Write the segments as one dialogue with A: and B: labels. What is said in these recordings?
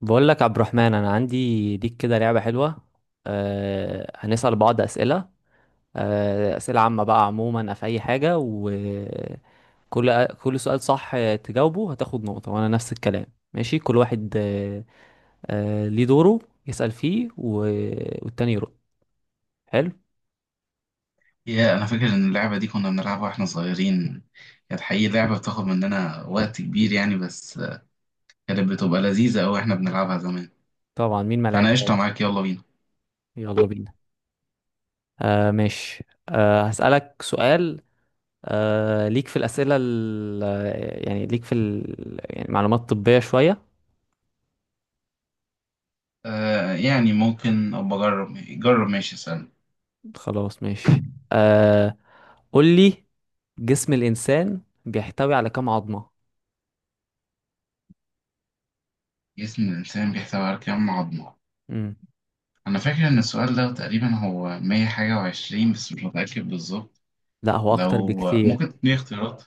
A: بقول لك عبد الرحمن، انا عندي ليك كده لعبه حلوه. هنسال بعض اسئله. اسئله عامه بقى، عموما في اي حاجه، كل سؤال صح تجاوبه هتاخد نقطه، وانا نفس الكلام. ماشي كل واحد. أه آه، ليه دوره يسال فيه والتاني يرد. حلو.
B: يا انا فاكر ان اللعبه دي كنا بنلعبها واحنا صغيرين. كانت حقيقي لعبه بتاخد مننا وقت كبير يعني، بس كانت بتبقى لذيذه قوي احنا بنلعبها زمان.
A: طبعا مين ما
B: فانا قشطه
A: لعبهاش.
B: معاك، يلا بينا.
A: يلا بينا. ماشي. هسالك سؤال. أه ليك في الاسئله ال... يعني ليك في ال... يعني معلومات طبيه شويه.
B: آه، يعني ممكن ابقى اجرب جرب. ماشي، اسال.
A: خلاص ماشي. آه. قول لي، جسم الإنسان بيحتوي على كام عظمة؟
B: جسم الانسان بيحتوي على كام عظمه؟
A: مم.
B: انا فاكر ان السؤال ده تقريبا هو 100 حاجه وعشرين، بس مش متاكد بالظبط.
A: لا هو أكتر
B: لو
A: بكتير.
B: ممكن تديني اختيارات،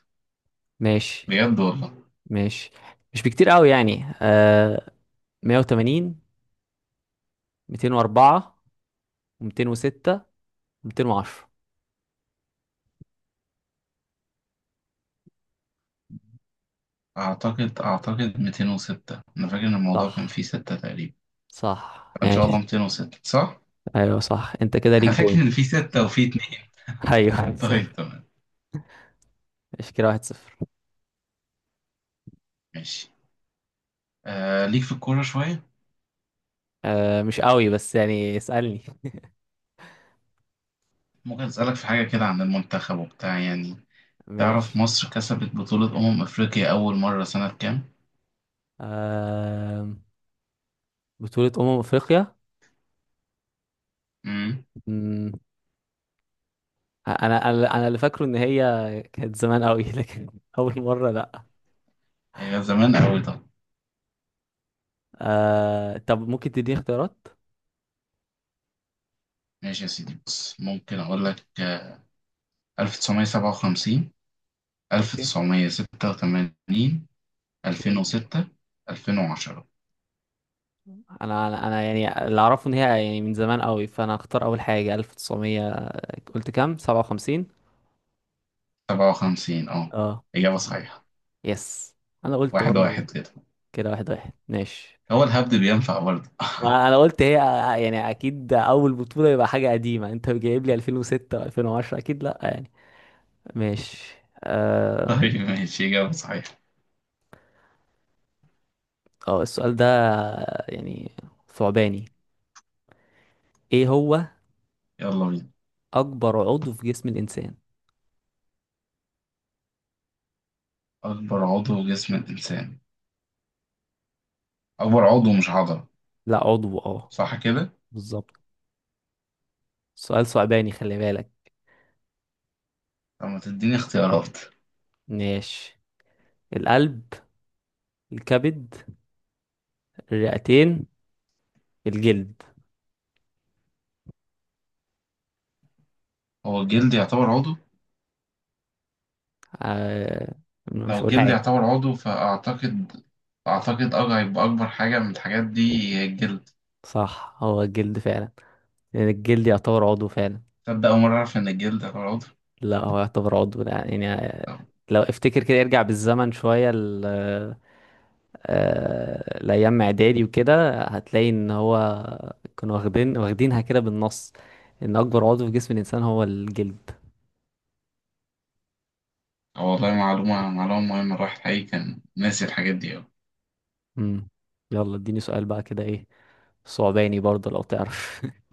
A: ماشي.
B: بجد والله.
A: ماشي. مش بكتير قوي يعني. 180، 204، و206، و210.
B: اعتقد 206. انا فاكر ان الموضوع كان فيه
A: صح.
B: ستة تقريبا.
A: صح
B: فان شاء الله
A: ماشي.
B: 206 صح.
A: أيوه صح، أنت كده ليك
B: انا فاكر
A: بوينت.
B: ان في ستة وفي اتنين.
A: أيوه.
B: طيب تمام.
A: ماشي، كده واحد صفر.
B: ماشي. آه، ليك في الكورة شوية.
A: آه مش قوي بس يعني اسألني.
B: ممكن اسألك في حاجة كده عن المنتخب وبتاع يعني. تعرف
A: ماشي.
B: مصر كسبت بطولة أمم أفريقيا أول مرة سنة كام؟
A: آه. بطولة أمم أفريقيا.
B: امم
A: مم، انا اللي فاكره ان هي كانت زمان قوي لكن اول مره لا.
B: هي زمان أوي. طب
A: طب ممكن تديني اختيارات؟
B: ماشي يا سيدي، بص ممكن أقول لك 1957،
A: يعني اوكي.
B: 1986،
A: اوكي.
B: 2006، 2010.
A: انا يعني اللي اعرفه ان هي يعني من زمان قوي، فانا هختار اول حاجه 1900. قلت كام؟ 57؟
B: 57، اه.
A: اه.
B: إجابة
A: آه.
B: صحيحة.
A: يس. انا قلت
B: واحد
A: برضه يعني.
B: واحد كده.
A: كده واحد واحد، ماشي.
B: هو الهبد بينفع برضه.
A: وانا قلت هي يعني اكيد اول بطوله يبقى حاجه قديمه، انت جايب لي 2006 و2010 اكيد لا، يعني. ماشي. آه...
B: طيب ماشي، إجابة صحيحة.
A: اه، السؤال ده يعني ثعباني. ايه هو
B: يلا بينا.
A: اكبر عضو في جسم الانسان؟
B: أكبر عضو جسم الإنسان. أكبر عضو مش عضلة،
A: لا عضو، اه.
B: صح كده؟
A: بالظبط. سؤال ثعباني، خلي بالك.
B: طب ما تديني اختيارات.
A: ماشي. القلب، الكبد، الرئتين، الجلد.
B: هو الجلد يعتبر عضو؟
A: آه.
B: لو
A: مش هقول
B: الجلد
A: حاجة.
B: يعتبر عضو فأعتقد، أعتقد هيبقى أكبر حاجة من الحاجات دي هي الجلد.
A: صح، هو الجلد فعلا. لان الجلد يعتبر عضو فعلا.
B: تصدق أول مرة أعرف إن الجلد يعتبر عضو؟
A: لا هو يعتبر عضو، لا يعني.
B: طب،
A: لو افتكر كده ارجع بالزمن شوية، الايام اعدادي وكده، هتلاقي ان هو كانوا واخدينها كده بالنص، ان اكبر عضو في جسم الانسان هو الجلد.
B: أه والله معلومة، معلومة مهمة. الواحد حقيقي كان ناسي الحاجات دي أوي.
A: امم. يلا اديني سؤال بقى، كده ايه؟ صعباني برضه لو تعرف.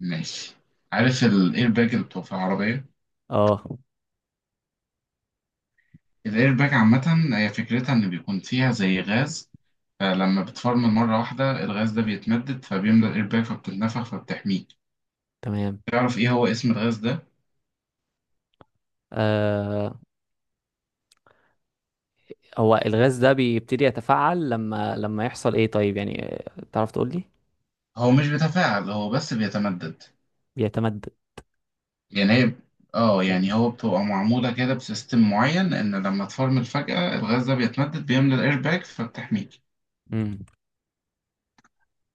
B: ماشي. عارف الإيرباج اللي بتبقى في العربية؟
A: اه.
B: الإيرباج عامة هي فكرتها إن بيكون فيها زي غاز. لما بتفرمل مرة واحدة الغاز ده بيتمدد فبيملى الايرباك فبتتنفخ فبتحميك.
A: تمام.
B: تعرف ايه هو اسم الغاز ده؟
A: آه هو الغاز ده بيبتدي يتفاعل لما يحصل ايه طيب، يعني. تعرف تقول لي؟
B: هو مش بيتفاعل، هو بس بيتمدد.
A: بيتمدد.
B: يعني هي، اه
A: امم.
B: يعني هو بتبقى معمولة كده بسيستم معين ان لما تفرمل فجأة الغاز ده بيتمدد بيملى الايرباك فبتحميك.
A: امم.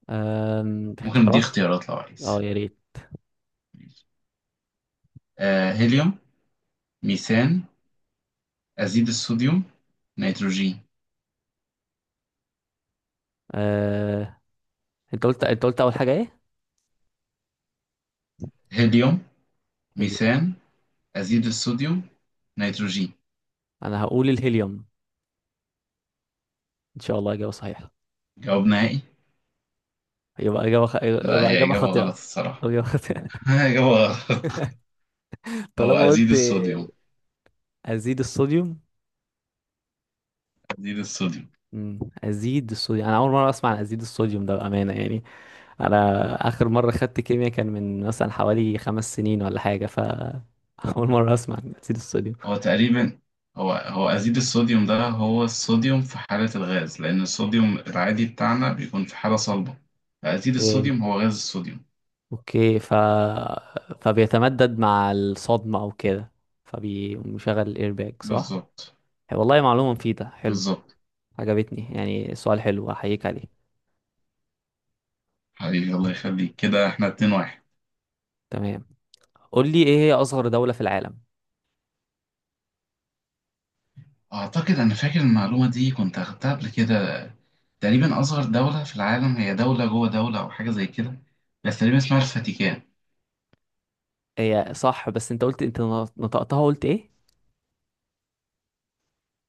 B: ممكن دي
A: اختيارات.
B: اختيارات لو
A: اه
B: عايز.
A: يا ريت.
B: آه، هيليوم، ميثان، أزيد الصوديوم، نيتروجين.
A: آه. انت قلت اول حاجه ايه؟
B: هيليوم،
A: هيليوم.
B: ميثان، أزيد الصوديوم، نيتروجين.
A: انا هقول الهيليوم. ان شاء الله اجابه صحيحه.
B: جواب نهائي. لا،
A: يبقى
B: هي
A: اجابه
B: إجابة غلط
A: خاطئه.
B: الصراحة.
A: او اجابه خاطئه.
B: هاي هو، هو
A: طالما
B: أزيد
A: قلت.
B: الصوديوم.
A: ازيد الصوديوم.
B: أزيد الصوديوم.
A: مم، ازيد الصوديوم، انا اول مره اسمع عن ازيد الصوديوم ده بامانه يعني. انا اخر مره خدت كيمياء كان من مثلا حوالي 5 سنين ولا حاجه. اول مره اسمع عن ازيد الصوديوم.
B: هو تقريبا، هو أزيد الصوديوم ده هو الصوديوم في حالة الغاز، لأن الصوديوم العادي بتاعنا بيكون في حالة صلبة. فأزيد
A: إيه،
B: الصوديوم هو غاز الصوديوم.
A: اوكي. فبيتمدد مع الصدمه او كده، فبيشغل الايرباك، صح.
B: بالظبط،
A: والله معلومه مفيده، حلو.
B: بالظبط.
A: عجبتني، يعني سؤال حلو، احييك عليه.
B: حبيبي الله يخليك، كده احنا اتنين واحد.
A: تمام. قول لي، ايه هي اصغر دولة في العالم؟
B: أعتقد، أنا فاكر المعلومة دي كنت أخدتها قبل كده. تقريبا أصغر دولة في العالم هي دولة جوه دولة أو حاجة زي كده، بس تقريبا اسمها الفاتيكان.
A: هي صح. بس انت قلت، انت نطقتها، قلت ايه؟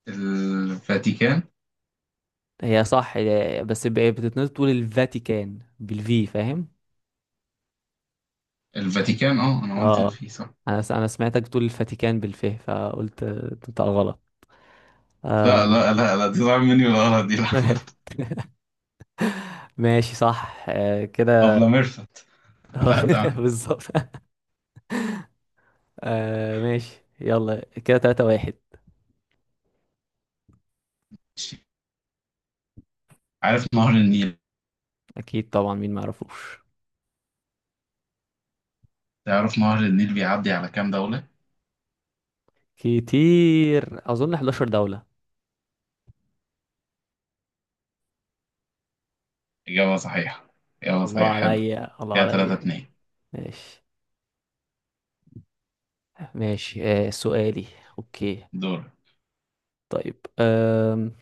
B: الفاتيكان.
A: هي صح، بس بتتنطق، تقول الفاتيكان بالفي، فاهم؟
B: الفاتيكان، اه أنا قلت
A: اه.
B: في، صح.
A: انا سمعتك بتقول الفاتيكان بالف، فقلت تنطق غلط. آه.
B: لا لا لا لا، دي ضاع مني الغلط دي، لا.
A: ماشي صح، آه كده.
B: أبلة ميرفت. لا تمام.
A: بالظبط. آه ماشي، يلا كده تلاتة واحد.
B: عارف نهر النيل.
A: اكيد طبعا، مين ما يعرفوش.
B: تعرف نهر النيل بيعدي على كام دولة؟
A: كتير، اظن 11 دولة.
B: إجابة صحيحة. إجابة صحيحة،
A: الله
B: حلو.
A: عليا، الله
B: كده تلاتة
A: عليا.
B: اتنين.
A: ماشي. ماشي. آه سؤالي. اوكي.
B: دور.
A: طيب.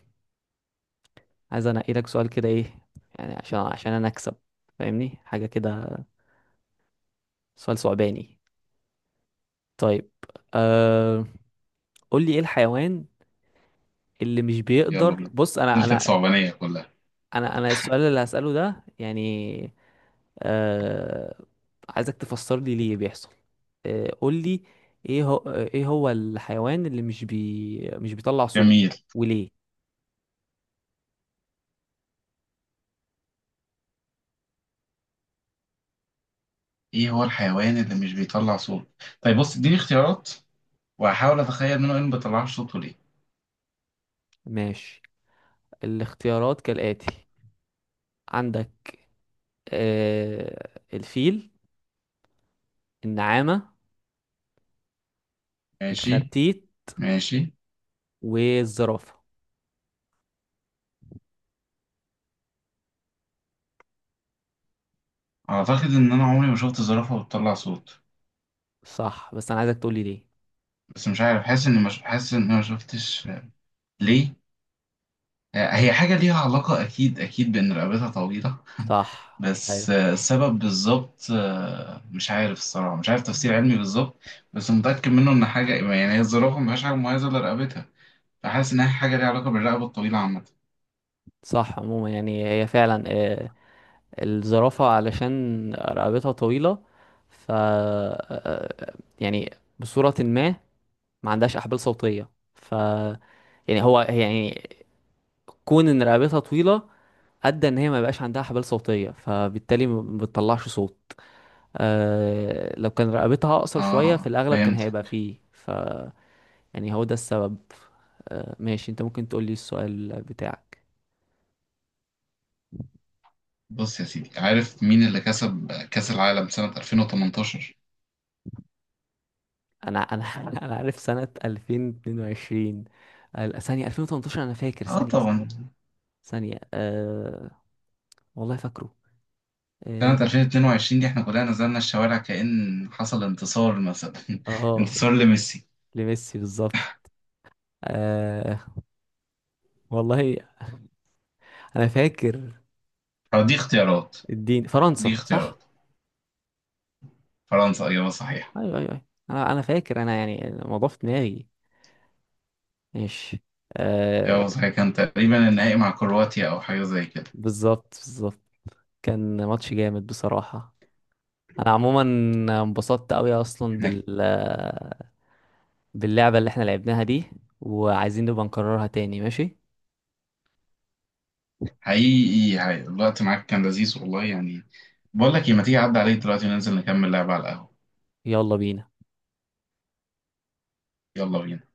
A: عايز انقي لك سؤال كده ايه، يعني عشان انا اكسب، فاهمني حاجة كده، سؤال صعباني. طيب. آه. قول لي ايه الحيوان اللي مش
B: يلا
A: بيقدر،
B: بينا.
A: بص انا
B: دولتك
A: انا
B: صعبانية كلها.
A: انا السؤال اللي هسأله ده، يعني آه، عايزك تفسر لي ليه بيحصل. آه قول لي، ايه هو الحيوان اللي مش بيطلع صوت،
B: جميل.
A: وليه؟
B: إيه هو الحيوان اللي مش بيطلع صوت؟ طيب بص، اديني اختيارات وهحاول أتخيل منه إيه اللي ما بيطلعش صوته ليه.
A: ماشي. الاختيارات كالآتي، عندك آه الفيل، النعامة،
B: ماشي.
A: الخرتيت،
B: ماشي.
A: والزرافة.
B: أعتقد إن أنا عمري ما شفت زرافة بتطلع صوت.
A: صح، بس أنا عايزك تقولي ليه.
B: بس مش عارف، حاسس إني مش حاسس إني ما شفتش. ليه؟ آه، هي حاجة ليها علاقة أكيد، أكيد بإن رقبتها طويلة.
A: صح
B: بس
A: أيوة.
B: آه، السبب بالظبط آه، مش عارف الصراحة، مش عارف تفسير علمي بالظبط. بس متأكد منه إن حاجة يعني، هي الزرافة مفيهاش حاجة مميزة إلا رقبتها. فحاسس إنها حاجة ليها علاقة بالرقبة الطويلة عامة.
A: صح، عموما يعني هي فعلا آه، الزرافة علشان رقبتها طويلة. ف آه، آه، يعني بصورة ما، ما عندهاش أحبال صوتية، ف يعني هو يعني، كون إن رقبتها طويلة أدى إن هي ما بقاش عندها أحبال صوتية، فبالتالي ما بتطلعش صوت. آه، لو كان رقبتها اقصر شوية، في
B: آه
A: الاغلب كان
B: فهمت.
A: هيبقى فيه. يعني هو ده السبب. آه ماشي، انت ممكن تقول لي السؤال بتاعك.
B: بص يا سيدي، عارف مين اللي كسب كأس العالم سنة 2018؟
A: انا انا عارف سنة 2022. ثانية 2018، انا فاكر
B: آه
A: ثانية، ثانية،
B: طبعا.
A: ثانية. آه والله، فاكره.
B: سنة
A: اه.
B: 2022 دي إحنا كلنا نزلنا الشوارع كأن حصل انتصار مثلا.
A: آه،
B: انتصار لميسي.
A: لميسي، بالظبط. آه والله انا فاكر.
B: أو دي اختيارات.
A: الدين
B: دي
A: فرنسا، صح.
B: اختيارات. فرنسا إجابة صحيحة.
A: ايوه ايوه ايوه، انا فاكر، انا يعني الموضوع في دماغي. ماشي. آه.
B: إجابة صحيحة، كان تقريبا النهائي مع كرواتيا أو حاجة زي كده.
A: بالظبط، بالظبط. كان ماتش جامد بصراحة. انا عموما انبسطت قوي اصلا
B: إحنا
A: باللعبة اللي احنا لعبناها دي، وعايزين نبقى نكررها تاني. ماشي.
B: حقيقي، حقيقي الوقت معاك كان لذيذ والله يعني. بقول لك إيه، ما تيجي أعدي عليك دلوقتي وننزل نكمل لعب على القهوة.
A: يلا بينا.
B: يلا بينا.